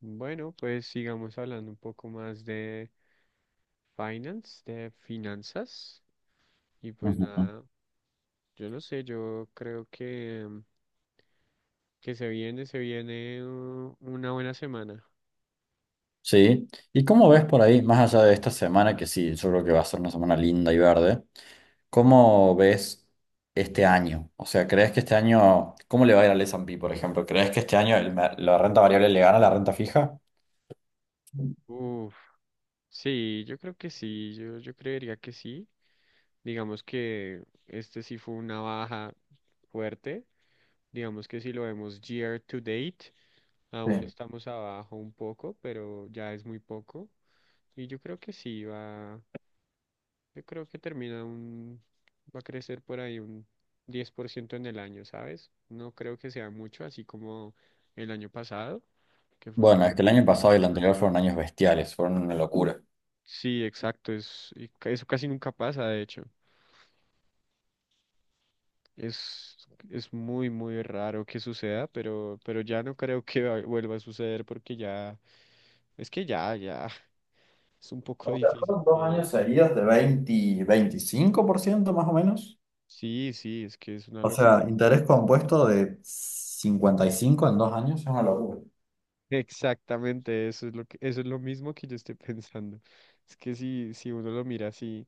Bueno, pues sigamos hablando un poco más de finance, de finanzas. Y pues Ujú. nada, yo no sé, yo creo que se viene una buena semana. Sí. ¿Y cómo ves por ahí, más allá de esta semana, que sí, yo creo que va a ser una semana linda y verde, cómo ves este año? O sea, ¿crees que este año, cómo le va a ir al S&P, por ejemplo? ¿Crees que este año el la renta variable le gana a la renta fija? Uf, sí, yo creo que sí, yo creería que sí. Digamos que este sí fue una baja fuerte. Digamos que si lo vemos year to date, aún Sí. estamos abajo un poco, pero ya es muy poco. Y yo creo que sí va. Yo creo que termina un, va a crecer por ahí un 10% en el año, ¿sabes? No creo que sea mucho, así como el año pasado, que fue una Bueno, es que el locura, año pero... pasado y el anterior fueron años bestiales, fueron una locura. Sí, exacto, es, y eso casi nunca pasa, de hecho. Es muy, muy raro que suceda, pero ya no creo que vuelva a suceder porque ya, es que ya, ya, es un poco O sea, difícil fueron dos años que... seguidos de 20, 25% más o menos. Sí, sí, es que es una O locura. sea, interés compuesto de 55 en dos años es una locura. Exactamente, eso es lo que, eso es lo mismo que yo estoy pensando. Es que si uno lo mira así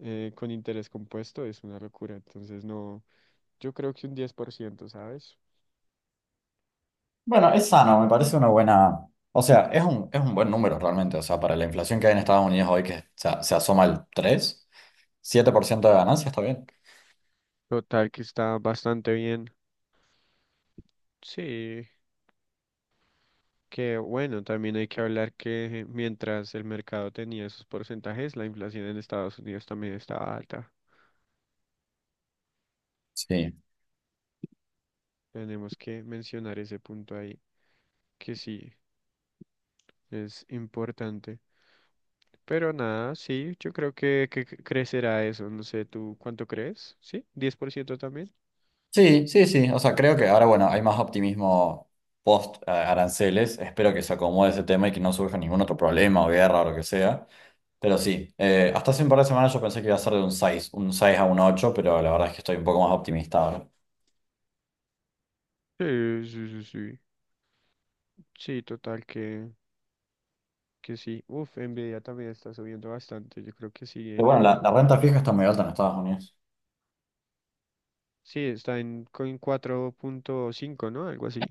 con interés compuesto es una locura. Entonces no, yo creo que un 10%, ¿sabes? Bueno, es sano, me parece una buena. O sea, es un buen número realmente. O sea, para la inflación que hay en Estados Unidos hoy, que se asoma al 3, 7% de ganancia, está bien. Total que está bastante bien. Sí, que bueno, también hay que hablar que mientras el mercado tenía esos porcentajes, la inflación en Estados Unidos también estaba alta. Sí. Tenemos que mencionar ese punto ahí, que sí, es importante. Pero nada, sí, yo creo que crecerá eso. No sé, ¿tú cuánto crees? ¿Sí? ¿10% también? Sí, sí, sí. O sea, creo que ahora, bueno, hay más optimismo post aranceles. Espero que se acomode ese tema y que no surja ningún otro problema o guerra o lo que sea. Pero sí, hasta hace un par de semanas yo pensé que iba a ser de un 6 a un 8, pero la verdad es que estoy un poco más optimista ahora. Sí, sí, sí, sí. Sí, total que sí. Uf, Nvidia también está subiendo bastante. Yo creo que Pero sigue. bueno, la renta fija está muy alta en Estados Unidos. Sí, está en, en 4.5, ¿no? Algo así.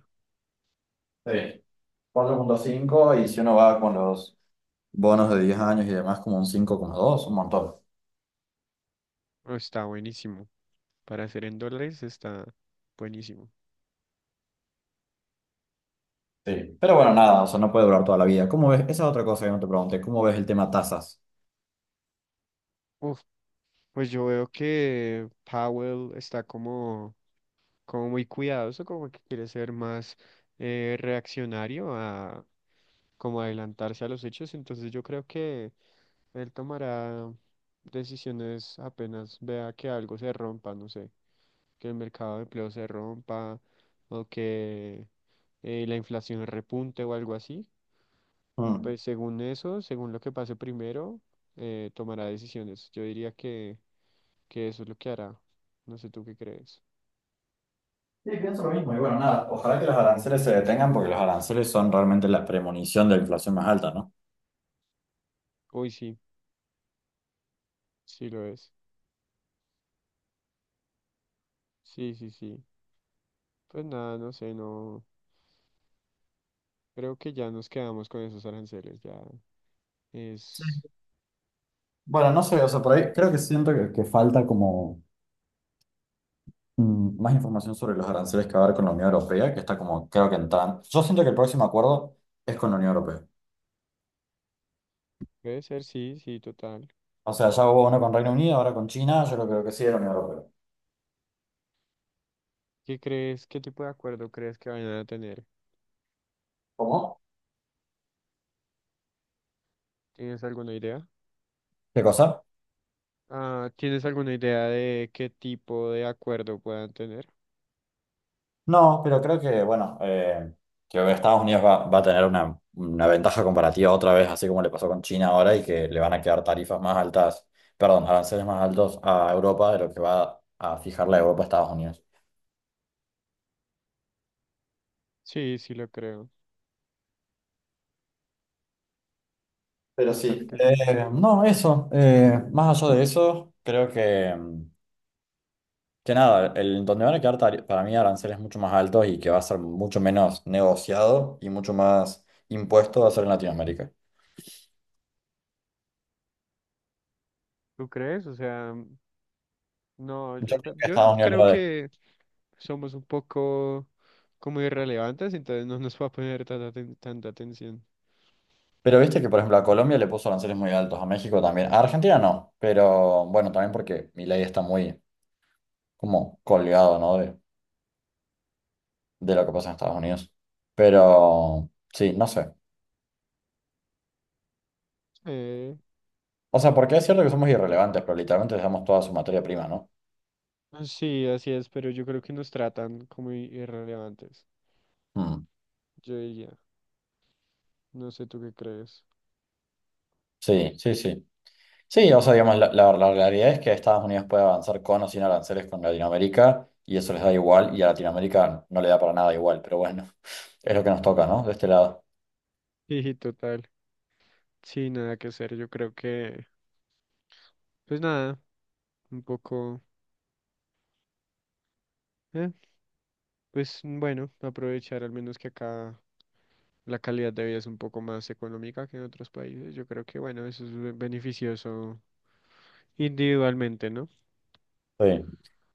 Sí. 4.5 y si uno va con los bonos de 10 años y demás como un 5,2 un montón. Oh, está buenísimo. Para hacer en dólares está buenísimo. Sí. Pero bueno, nada, o sea, no puede durar toda la vida. ¿Cómo ves? Esa es otra cosa que no te pregunté. ¿Cómo ves el tema tasas? Uf, pues yo veo que Powell está como, como muy cuidadoso, como que quiere ser más reaccionario, como adelantarse a los hechos, entonces yo creo que él tomará decisiones apenas vea que algo se rompa, no sé, que el mercado de empleo se rompa o que la inflación repunte o algo así. Mm. Pues según eso, según lo que pase primero, tomará decisiones. Yo diría que eso es lo que hará. No sé tú qué crees. Sí, pienso lo mismo. Y bueno, nada, ojalá que los aranceles se detengan porque los aranceles son realmente la premonición de la inflación más alta, ¿no? Uy, sí, sí lo es. Sí, sí, sí. Pues nada, no sé, no. Creo que ya nos quedamos con esos aranceles, ya es. Sí. Bueno, Un no sé, o poco sea, por difícil ahí de creo que cambiar. siento que falta como más información sobre los aranceles que va a haber con la Unión Europea, que está como, creo que en tan... Yo siento que el próximo acuerdo es con la Unión Europea. Puede ser, sí, sí, total. O sea, ya hubo uno con Reino Unido, ahora con China, yo lo creo que sí de la Unión Europea. ¿Qué crees? ¿Qué tipo de acuerdo crees que vayan a tener? ¿Cómo? ¿Tienes alguna idea? ¿Qué cosa? Ah, ¿tienes alguna idea de qué tipo de acuerdo puedan tener? No, pero creo que, bueno, que Estados Unidos va a tener una ventaja comparativa otra vez, así como le pasó con China ahora, y que le van a quedar tarifas más altas, perdón, aranceles más altos a Europa de lo que va a fijar la Europa a Estados Unidos. Sí, sí lo creo. Pero Total sí, que sí. No, eso, más allá de eso, creo que... Que nada, el, donde van a quedar para mí aranceles mucho más altos y que va a ser mucho menos negociado y mucho más impuesto va a ser en Latinoamérica. ¿Tú crees? O sea, no, Yo yo, o sea, creo que yo Estados Unidos creo lo de. que somos un poco como irrelevantes, entonces no nos va a poner tanta, tanta atención. Pero viste que, por ejemplo, a Colombia le puso aranceles muy altos, a México también. A Argentina no, pero bueno, también porque mi ley está muy como colgado, ¿no? De lo que pasa en Estados Unidos. Pero sí, no sé. Eh, O sea, porque es cierto que somos irrelevantes, pero literalmente dejamos toda su materia prima, ¿no? sí, así es, pero yo creo que nos tratan como irrelevantes, Mm, yo diría. No sé tú qué crees. sí, sí, sí. Sí, o sea, digamos, la, la realidad es que Estados Unidos puede avanzar con o sin aranceles con Latinoamérica y eso les da igual y a Latinoamérica no le da para nada igual, pero bueno, es lo que nos toca, ¿no? De este lado. Sí, sí, total. Sí, nada que hacer. Yo creo que, pues nada, un poco, eh, pues bueno, aprovechar al menos que acá la calidad de vida es un poco más económica que en otros países. Yo creo que, bueno, eso es beneficioso individualmente, ¿no? Sí,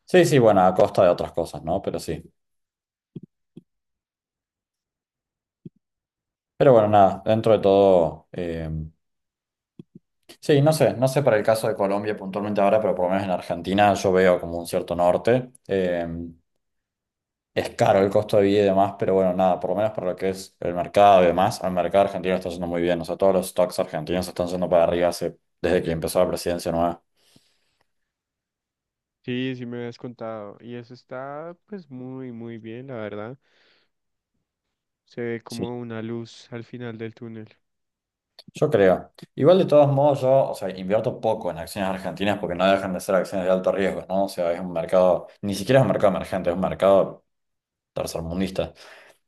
sí, sí, bueno, a costa de otras cosas, ¿no? Pero sí. Pero bueno, nada, dentro de todo, sí, no sé, no sé para el caso de Colombia puntualmente ahora, pero por lo menos en Argentina yo veo como un cierto norte. Es caro el costo de vida y demás, pero bueno, nada, por lo menos para lo que es el mercado y demás, al mercado argentino está yendo muy bien. O sea, todos los stocks argentinos están yendo para arriba desde que empezó la presidencia nueva. Sí, sí me habías contado. Y eso está, pues, muy, muy bien, la verdad. Se ve Sí, como una luz al final del túnel. yo creo. Igual de todos modos, yo, o sea, invierto poco en acciones argentinas porque no dejan de ser acciones de alto riesgo, ¿no? O sea, es un mercado, ni siquiera es un mercado emergente, es un mercado tercermundista.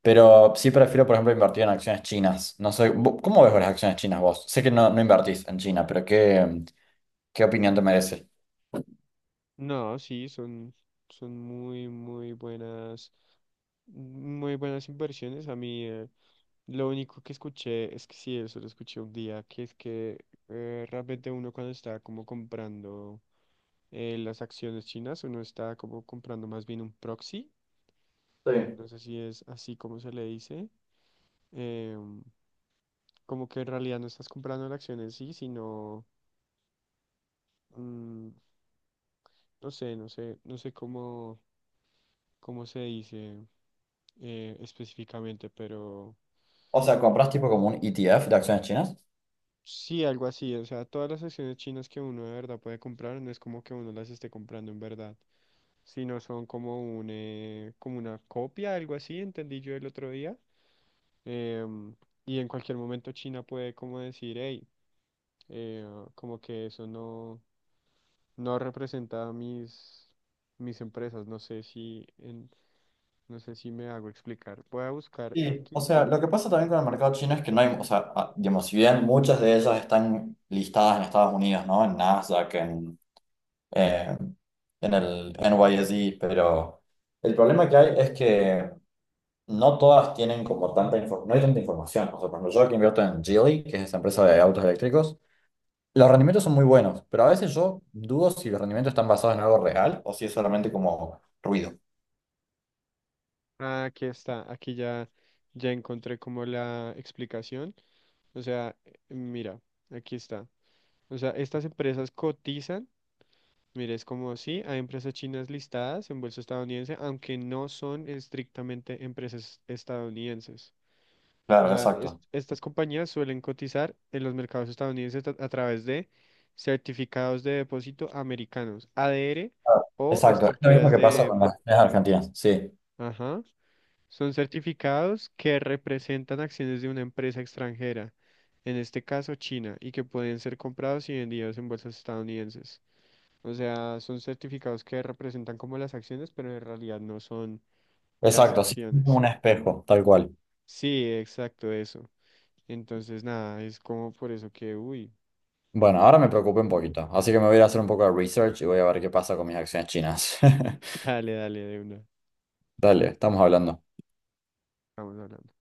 Pero sí prefiero, por ejemplo, invertir en acciones chinas. No sé, ¿cómo ves las acciones chinas vos? Sé que no, no invertís en China, pero ¿qué, qué opinión te merece? No, sí, son, son muy, muy buenas inversiones. A mí, lo único que escuché es que sí, eso lo escuché un día, que es que realmente uno cuando está como comprando las acciones chinas, uno está como comprando más bien un proxy, Sí. no sé si es así como se le dice, eh, como que en realidad no estás comprando la acción en sí, sino, mm, no sé cómo, cómo se dice específicamente, pero... O sea, compras tipo como un ETF de acciones chinas. Sí, algo así, o sea, todas las acciones chinas que uno de verdad puede comprar, no es como que uno las esté comprando en verdad. Sino son como un, como una copia, algo así, entendí yo el otro día. Em, y en cualquier momento China puede como decir, hey, eh, como que eso no, no representa mis empresas. No sé si me hago explicar. Voy a buscar Sí. O aquí. sea, lo que pasa también con el mercado chino es que no hay, o sea, digamos, si bien muchas de ellas están listadas en Estados Unidos, ¿no? En Nasdaq, eh, en el NYSE, pero el problema que hay es que no todas tienen como tanta información, no hay tanta información. O sea, por ejemplo, yo que invierto en Geely, que es esa empresa de autos eléctricos, los rendimientos son muy buenos, pero a veces yo dudo si los rendimientos están basados en algo real o si es solamente como ruido. Ah, aquí está, aquí ya, ya encontré como la explicación. O sea, mira, aquí está. O sea, estas empresas cotizan. Mira, es como sí, hay empresas chinas listadas en bolsa estadounidense, aunque no son estrictamente empresas estadounidenses. O Claro, sea, exacto. estas compañías suelen cotizar en los mercados estadounidenses a través de certificados de depósito americanos, ADR Ah, o exacto, es lo mismo estructuras que pasa de... con las estrellas argentinas, sí, Ajá. Son certificados que representan acciones de una empresa extranjera, en este caso China, y que pueden ser comprados y vendidos en bolsas estadounidenses. O sea, son certificados que representan como las acciones, pero en realidad no son las exacto, sí, es como acciones. un espejo, tal cual. Sí, exacto, eso. Entonces, nada, es como por eso que, uy, Bueno, ahora me no sé. preocupé un poquito, así que me voy a ir a hacer un poco de research y voy a ver qué pasa con mis acciones chinas. Dale, dale, de una. Dale, estamos hablando. Vamos hablando.